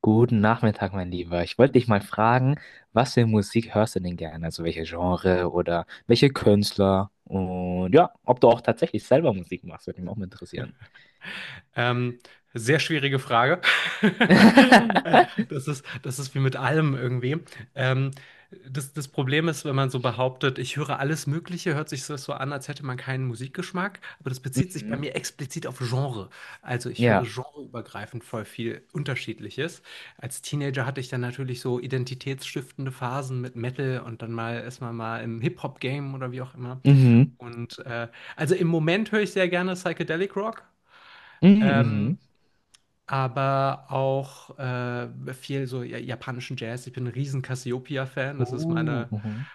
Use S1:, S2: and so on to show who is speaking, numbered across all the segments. S1: Guten Nachmittag, mein Lieber. Ich wollte dich mal fragen, was für Musik hörst du denn gerne? Also welche Genre oder welche Künstler? Und ja, ob du auch tatsächlich selber Musik machst, würde mich auch mal interessieren.
S2: Ähm, sehr schwierige Frage. Äh, Das ist, das ist wie mit allem irgendwie. Ähm, das Problem ist, wenn man so behauptet, ich höre alles Mögliche, hört sich das so an, als hätte man keinen Musikgeschmack. Aber das bezieht sich bei
S1: Mhm.
S2: mir explizit auf Genre. Also ich höre
S1: Ja.
S2: genreübergreifend voll viel Unterschiedliches. Als Teenager hatte ich dann natürlich so identitätsstiftende Phasen mit Metal und dann mal erstmal mal im Hip-Hop-Game oder wie auch immer.
S1: Mhm.
S2: Und äh, also im Moment höre ich sehr gerne Psychedelic Rock.
S1: Mhm.
S2: Ähm,
S1: Mhm.
S2: aber auch viel so japanischen Jazz. Ich bin ein riesen Cassiopeia-Fan. Das ist
S1: Uh,
S2: meine,
S1: mhm.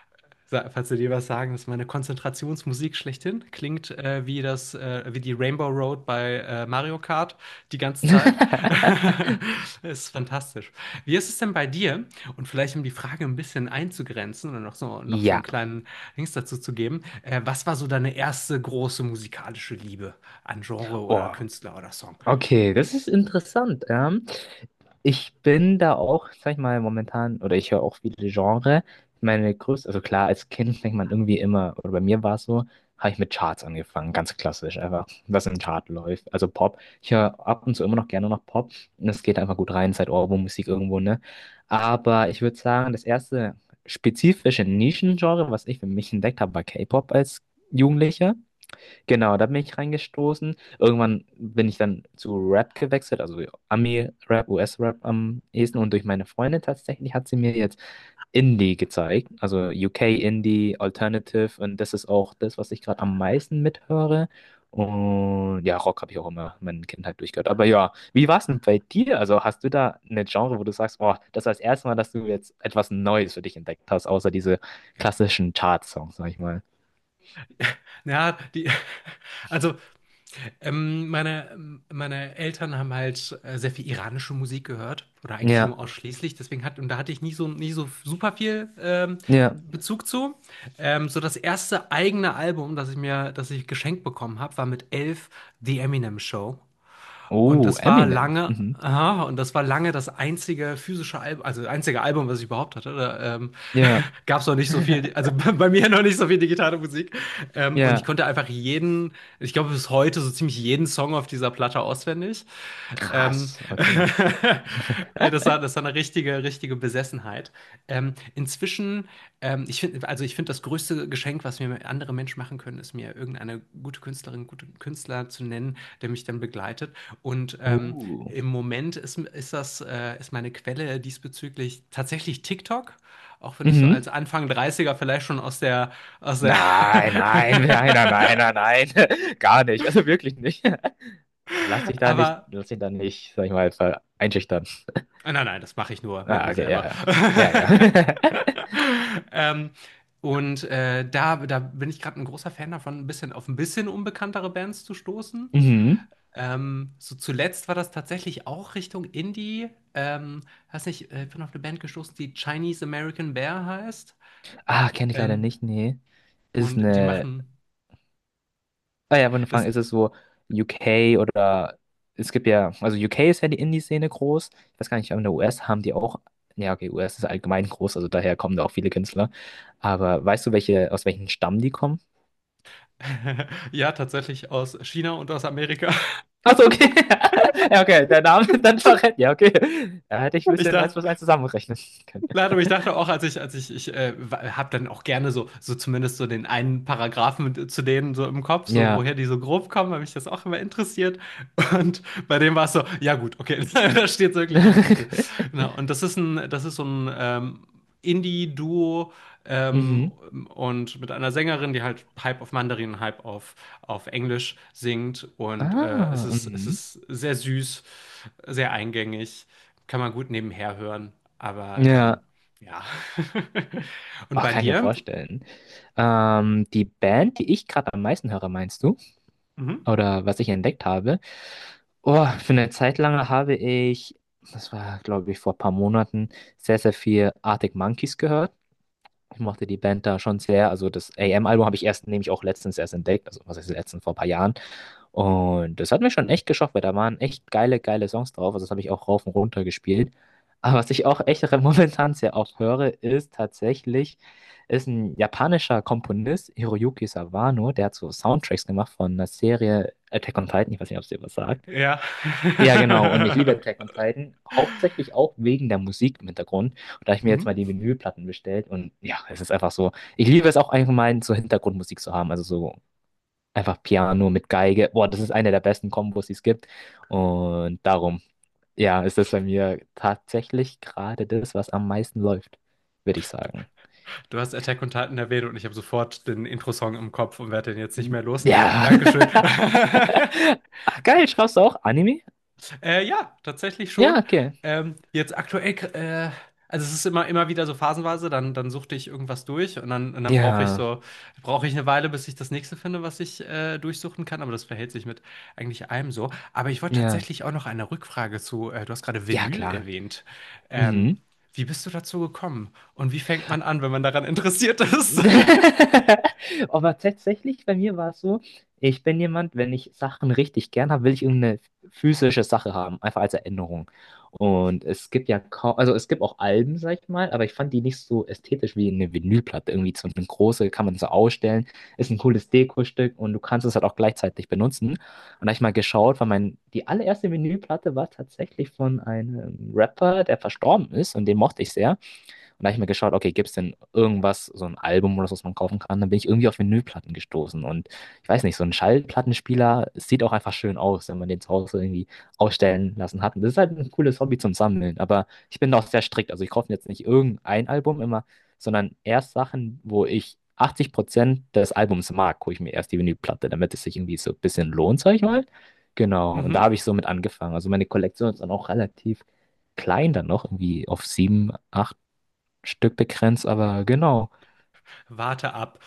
S2: falls Sie dir was sagen, das ist meine Konzentrationsmusik schlechthin. Klingt wie das, wie die Rainbow Road bei Mario Kart die ganze Zeit. Ist fantastisch. Wie ist es denn bei dir? Und vielleicht um die Frage ein bisschen einzugrenzen und noch so einen
S1: Ja.
S2: kleinen Links dazu zu geben. Was war so deine erste große musikalische Liebe an Genre oder
S1: Oh.
S2: Künstler oder Song?
S1: Okay, das ist interessant. Ich bin da auch, sag ich mal, momentan, oder ich höre auch viele Genre. Meine größte, also klar, als Kind fängt man irgendwie immer, oder bei mir war es so, habe ich mit Charts angefangen, ganz klassisch, einfach, was im Chart läuft. Also Pop. Ich höre ab und zu immer noch gerne noch Pop. Und es geht einfach gut rein, seit Ohrwurm-Musik irgendwo, ne? Aber ich würde sagen, das erste spezifische Nischengenre, was ich für mich entdeckt habe, war K-Pop als Jugendlicher. Genau, da bin ich reingestoßen. Irgendwann bin ich dann zu Rap gewechselt, also Ami-Rap, US-Rap am ehesten. Und durch meine Freundin tatsächlich hat sie mir jetzt Indie gezeigt, also UK-Indie, Alternative. Und das ist auch das, was ich gerade am meisten mithöre. Und ja, Rock habe ich auch immer meine Kindheit durchgehört. Aber ja, wie war es denn bei dir? Also hast du da eine Genre, wo du sagst, oh, das war das erste Mal, dass du jetzt etwas Neues für dich entdeckt hast, außer diese klassischen Chart-Songs, sag ich mal.
S2: Ja, die, also meine Eltern haben halt sehr viel iranische Musik gehört oder eigentlich nur
S1: Ja,
S2: ausschließlich. Deswegen hat, und da hatte ich nie so, nie so super viel
S1: ja.
S2: Bezug zu. So das erste eigene Album, das ich geschenkt bekommen habe, war mit 11 The Eminem Show. Und
S1: Oh,
S2: das war
S1: Eminem.
S2: lange,
S1: Mhm.
S2: aha, und das war lange das einzige physische Album, also einzige Album, was ich überhaupt hatte. Da,
S1: Ja.
S2: gab es noch nicht so viel, also bei mir noch nicht so viel digitale Musik. Und ich
S1: Ja.
S2: konnte einfach jeden, ich glaube bis heute so ziemlich jeden Song auf dieser Platte auswendig. Ähm,
S1: Krass. Okay.
S2: das war eine richtige, richtige Besessenheit. Inzwischen ich finde, also ich finde, das größte Geschenk, was mir andere Menschen machen können, ist mir irgendeine gute Künstlerin, gute Künstler zu nennen, der mich dann begleitet. Und ähm,
S1: Oh.
S2: im Moment ist, ist das, ist meine Quelle diesbezüglich tatsächlich TikTok. Auch wenn ich so als
S1: Mhm.
S2: Anfang Dreißiger vielleicht schon aus der, aus der,
S1: Nein, nein, nein, nein, nein, nein, nein. Gar nicht. Also wirklich nicht. Lass dich da nicht,
S2: aber
S1: lass dich da nicht, sag ich mal, einschüchtern.
S2: Nein, nein, das mache ich nur mit
S1: Ah,
S2: mir
S1: okay, ja,
S2: selber.
S1: ja. Ja, ja.
S2: Ähm, und da, da bin ich gerade ein großer Fan davon, ein bisschen auf ein bisschen unbekanntere Bands zu stoßen.
S1: Mhm.
S2: So zuletzt war das tatsächlich auch Richtung Indie. Ähm, weiß nicht, ich bin auf eine Band gestoßen, die Chinese American Bear heißt.
S1: Ah, kenne ich leider
S2: Ähm,
S1: nicht, nee. Ist es
S2: und die
S1: eine
S2: machen
S1: Ah, ja, wenn du
S2: das
S1: fragst, ist es so UK oder es gibt ja, also UK ist ja die Indie-Szene groß. Ich weiß gar nicht, aber in der US haben die auch, ja, okay, US ist allgemein groß, also daher kommen da auch viele Künstler. Aber weißt du, welche, aus welchem Stamm die kommen?
S2: ja tatsächlich aus China und aus Amerika.
S1: Achso, okay. Ja, okay, der Name dann verrät. Ja, okay. Da hätte ich ein
S2: Ich
S1: bisschen eins
S2: dachte,
S1: plus eins zusammenrechnen können.
S2: Nein, aber ich dachte auch, als ich, ich habe dann auch gerne so, so zumindest so den einen Paragraphen zu denen so im Kopf, so
S1: Ja.
S2: woher die so grob kommen, weil mich das auch immer interessiert. Und bei dem war es so, ja gut, okay, da steht es wirklich im Titel. Genau. Und das ist ein, das ist so ein Indie-Duo ähm,
S1: Mhm.
S2: und mit einer Sängerin, die halt halb auf Mandarin, halb auf Englisch singt.
S1: Ah,
S2: Es
S1: mhm.
S2: ist sehr süß, sehr eingängig, kann man gut nebenher hören. Aber
S1: Ja.
S2: ja. Und
S1: Oh,
S2: bei
S1: kann ich mir
S2: dir?
S1: vorstellen. Die Band, die ich gerade am meisten höre, meinst du?
S2: Mhm.
S1: Oder was ich entdeckt habe. Oh, für eine Zeit lang habe ich, das war glaube ich vor ein paar Monaten, sehr, sehr viel Arctic Monkeys gehört. Ich mochte die Band da schon sehr. Also das AM-Album habe ich erst nämlich auch letztens erst entdeckt. Also was heißt letztens, vor ein paar Jahren. Und das hat mir schon echt geschockt, weil da waren echt geile, geile Songs drauf. Also das habe ich auch rauf und runter gespielt. Aber was ich auch echt momentan sehr oft höre, ist tatsächlich, ist ein japanischer Komponist, Hiroyuki Sawano, der hat so Soundtracks gemacht von einer Serie Attack on Titan. Ich weiß nicht, ob es dir was sagt.
S2: Ja.
S1: Ja, genau. Und ich liebe Attack on Titan, hauptsächlich auch wegen der Musik im Hintergrund. Und da habe ich mir jetzt mal
S2: Mhm.
S1: die Vinylplatten bestellt. Und ja, es ist einfach so. Ich liebe es auch allgemein, so Hintergrundmusik zu haben. Also so einfach Piano mit Geige. Boah, das ist eine der besten Kombos, die es gibt. Und darum, ja, ist das bei mir tatsächlich gerade das, was am meisten läuft, würde ich sagen.
S2: Du hast Attack on Titan erwähnt und ich habe sofort den Intro-Song im Kopf und werde den jetzt nicht mehr los.
S1: Ja.
S2: Dankeschön.
S1: Ach, geil, schaust du auch Anime?
S2: Ja, tatsächlich
S1: Ja,
S2: schon.
S1: okay.
S2: Jetzt aktuell, also es ist immer, immer wieder so phasenweise, dann, dann suchte ich irgendwas durch und dann brauche ich
S1: Ja,
S2: so, brauche ich eine Weile, bis ich das nächste finde, was ich durchsuchen kann, aber das verhält sich mit eigentlich allem so. Aber ich wollte
S1: ja,
S2: tatsächlich auch noch eine Rückfrage zu, du hast gerade
S1: ja,
S2: Vinyl
S1: klar.
S2: erwähnt. Ähm,
S1: Mhm.
S2: wie bist du dazu gekommen? Und wie fängt man an, wenn man daran interessiert ist?
S1: Aber tatsächlich, bei mir war es so, ich bin jemand, wenn ich Sachen richtig gern habe, will ich irgendeine physische Sache haben, einfach als Erinnerung. Und es gibt ja kaum, also es gibt auch Alben, sag ich mal, aber ich fand die nicht so ästhetisch wie eine Vinylplatte. Irgendwie so eine große, kann man so ausstellen, ist ein cooles Dekostück und du kannst es halt auch gleichzeitig benutzen. Und da habe ich mal geschaut, weil mein, die allererste Vinylplatte war tatsächlich von einem Rapper, der verstorben ist und den mochte ich sehr. Und da habe ich mir geschaut, okay, gibt es denn irgendwas, so ein Album oder so, was man kaufen kann? Dann bin ich irgendwie auf Vinylplatten gestoßen. Und ich weiß nicht, so ein Schallplattenspieler sieht auch einfach schön aus, wenn man den zu Hause irgendwie ausstellen lassen hat. Und das ist halt ein cooles Hobby zum Sammeln. Aber ich bin da auch sehr strikt. Also ich kaufe jetzt nicht irgendein Album immer, sondern erst Sachen, wo ich 80% des Albums mag, hole ich mir erst die Vinylplatte, damit es sich irgendwie so ein bisschen lohnt, sag ich mal. Genau, und da
S2: Mhm.
S1: habe ich so mit angefangen. Also meine Kollektion ist dann auch relativ klein dann noch, irgendwie auf sieben, acht Stück begrenzt, aber genau.
S2: Warte ab.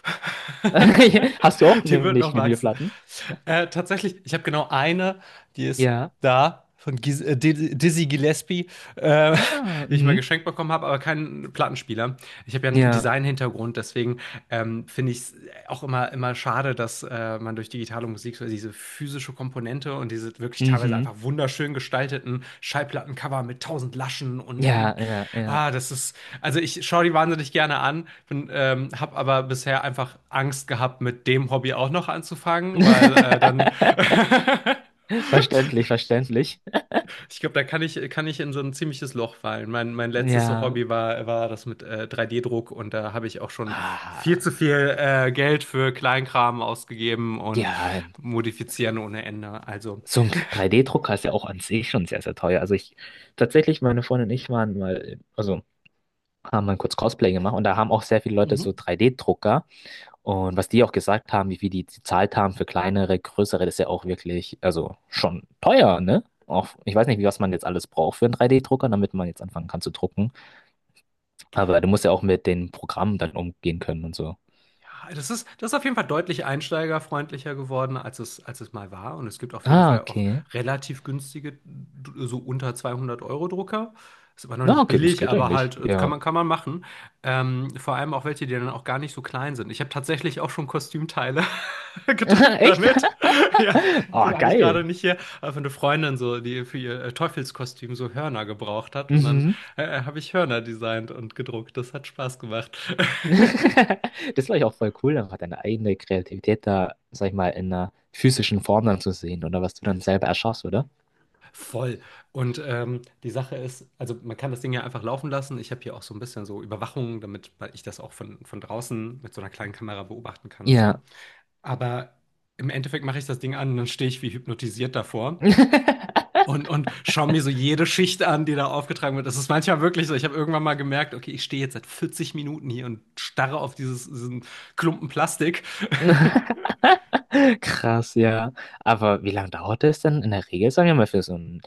S1: Hast du auch
S2: Die wird
S1: nämlich
S2: noch wachsen.
S1: Vinylplatten?
S2: Tatsächlich, ich habe genau eine, die ist
S1: Ja.
S2: da. Von Dizzy Gillespie, äh,
S1: Ah,
S2: die ich mal
S1: mhm.
S2: geschenkt bekommen habe, aber keinen Plattenspieler. Ich habe ja einen
S1: Ja.
S2: Design-Hintergrund, deswegen finde ich es auch immer, immer schade, dass man durch digitale Musik so diese physische Komponente und diese wirklich teilweise einfach
S1: Mhm.
S2: wunderschön gestalteten Schallplattencover mit tausend Laschen
S1: Ja,
S2: und
S1: ja, ja.
S2: ah, das ist, also ich schaue die wahnsinnig gerne an, bin, habe aber bisher einfach Angst gehabt, mit dem Hobby auch noch anzufangen, weil dann
S1: Verständlich, verständlich.
S2: ich glaube, da kann ich in so ein ziemliches Loch fallen. Mein letztes so
S1: Ja.
S2: Hobby war, war das mit 3D-Druck und da habe ich auch schon viel
S1: Ah,
S2: zu viel Geld für Kleinkram ausgegeben und
S1: ja,
S2: modifizieren ohne Ende. Also,
S1: so ein 3D-Drucker ist ja auch an sich schon sehr, sehr teuer. Also ich, tatsächlich, meine Freundin und ich waren mal, also haben mal kurz Cosplay gemacht und da haben auch sehr viele Leute so
S2: mhm.
S1: 3D-Drucker. Und was die auch gesagt haben, wie viel die gezahlt haben für kleinere, größere, das ist ja auch wirklich, also schon teuer, ne? Auch, ich weiß nicht, wie was man jetzt alles braucht für einen 3D-Drucker, damit man jetzt anfangen kann zu drucken. Aber du musst ja auch mit den Programmen dann umgehen können und so.
S2: Ja, das ist auf jeden Fall deutlich einsteigerfreundlicher geworden, als es mal war. Und es gibt auf jeden
S1: Ah,
S2: Fall auch
S1: okay.
S2: relativ günstige, so unter 200 Euro Drucker. Ist immer noch
S1: Na,
S2: nicht
S1: okay, das
S2: billig,
S1: geht
S2: aber
S1: eigentlich.
S2: halt
S1: Ja.
S2: kann man machen. Vor allem auch welche, die dann auch gar nicht so klein sind. Ich habe tatsächlich auch schon Kostümteile gedrückt
S1: Echt?
S2: damit. Ja,
S1: Oh,
S2: habe ich gerade
S1: geil.
S2: nicht hier. Aber eine Freundin so, die für ihr Teufelskostüm so Hörner gebraucht hat. Und dann
S1: Mhm.
S2: habe ich Hörner designt und gedruckt. Das hat Spaß gemacht.
S1: Das war ich auch voll cool, einfach deine eigene Kreativität da, sag ich mal, in einer physischen Form dann zu sehen oder was du dann selber erschaffst, oder?
S2: Voll. Die Sache ist, also man kann das Ding ja einfach laufen lassen. Ich habe hier auch so ein bisschen so Überwachung, damit ich das auch von draußen mit so einer kleinen Kamera beobachten kann und so.
S1: Ja.
S2: Aber im Endeffekt mache ich das Ding an und dann stehe ich wie hypnotisiert davor und schaue mir so jede Schicht an, die da aufgetragen wird. Das ist manchmal wirklich so. Ich habe irgendwann mal gemerkt, okay, ich stehe jetzt seit 40 Minuten hier und starre auf dieses, diesen Klumpen Plastik.
S1: Krass, ja. Aber wie lange dauert es denn in der Regel, sagen wir mal, für so ein,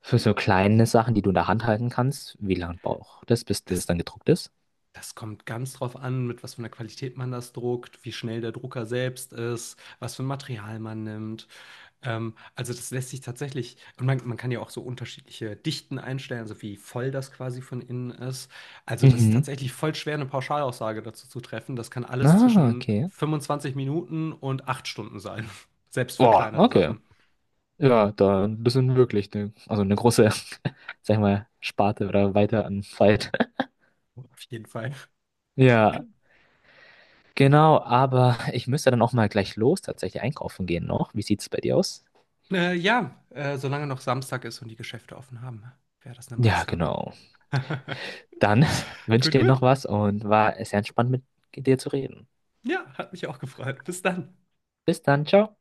S1: für so kleine Sachen, die du in der Hand halten kannst? Wie lange braucht das, bis das
S2: Das
S1: dann gedruckt ist?
S2: Das kommt ganz drauf an, mit was für einer Qualität man das druckt, wie schnell der Drucker selbst ist, was für ein Material man nimmt. Also das lässt sich tatsächlich, und man kann ja auch so unterschiedliche Dichten einstellen, also wie voll das quasi von innen ist. Also das ist
S1: Mhm.
S2: tatsächlich voll schwer, eine Pauschalaussage dazu zu treffen. Das kann alles
S1: Ah,
S2: zwischen
S1: okay.
S2: 25 Minuten und 8 Stunden sein, selbst für
S1: Boah,
S2: kleinere
S1: okay.
S2: Sachen.
S1: Ja, da, das sind wirklich eine, also eine große, sag ich mal, Sparte oder weiter an Zeit.
S2: Auf jeden Fall.
S1: Ja, genau, aber ich müsste dann auch mal gleich los tatsächlich einkaufen gehen noch. Wie sieht's bei dir aus?
S2: Ja, solange noch Samstag ist und die Geschäfte offen haben, wäre das eine
S1: Ja,
S2: Maßnahme.
S1: genau. Dann wünsche
S2: Gut,
S1: dir
S2: gut.
S1: noch was und war sehr entspannt mit dir zu reden.
S2: Ja, hat mich auch gefreut. Bis dann.
S1: Bis dann, ciao.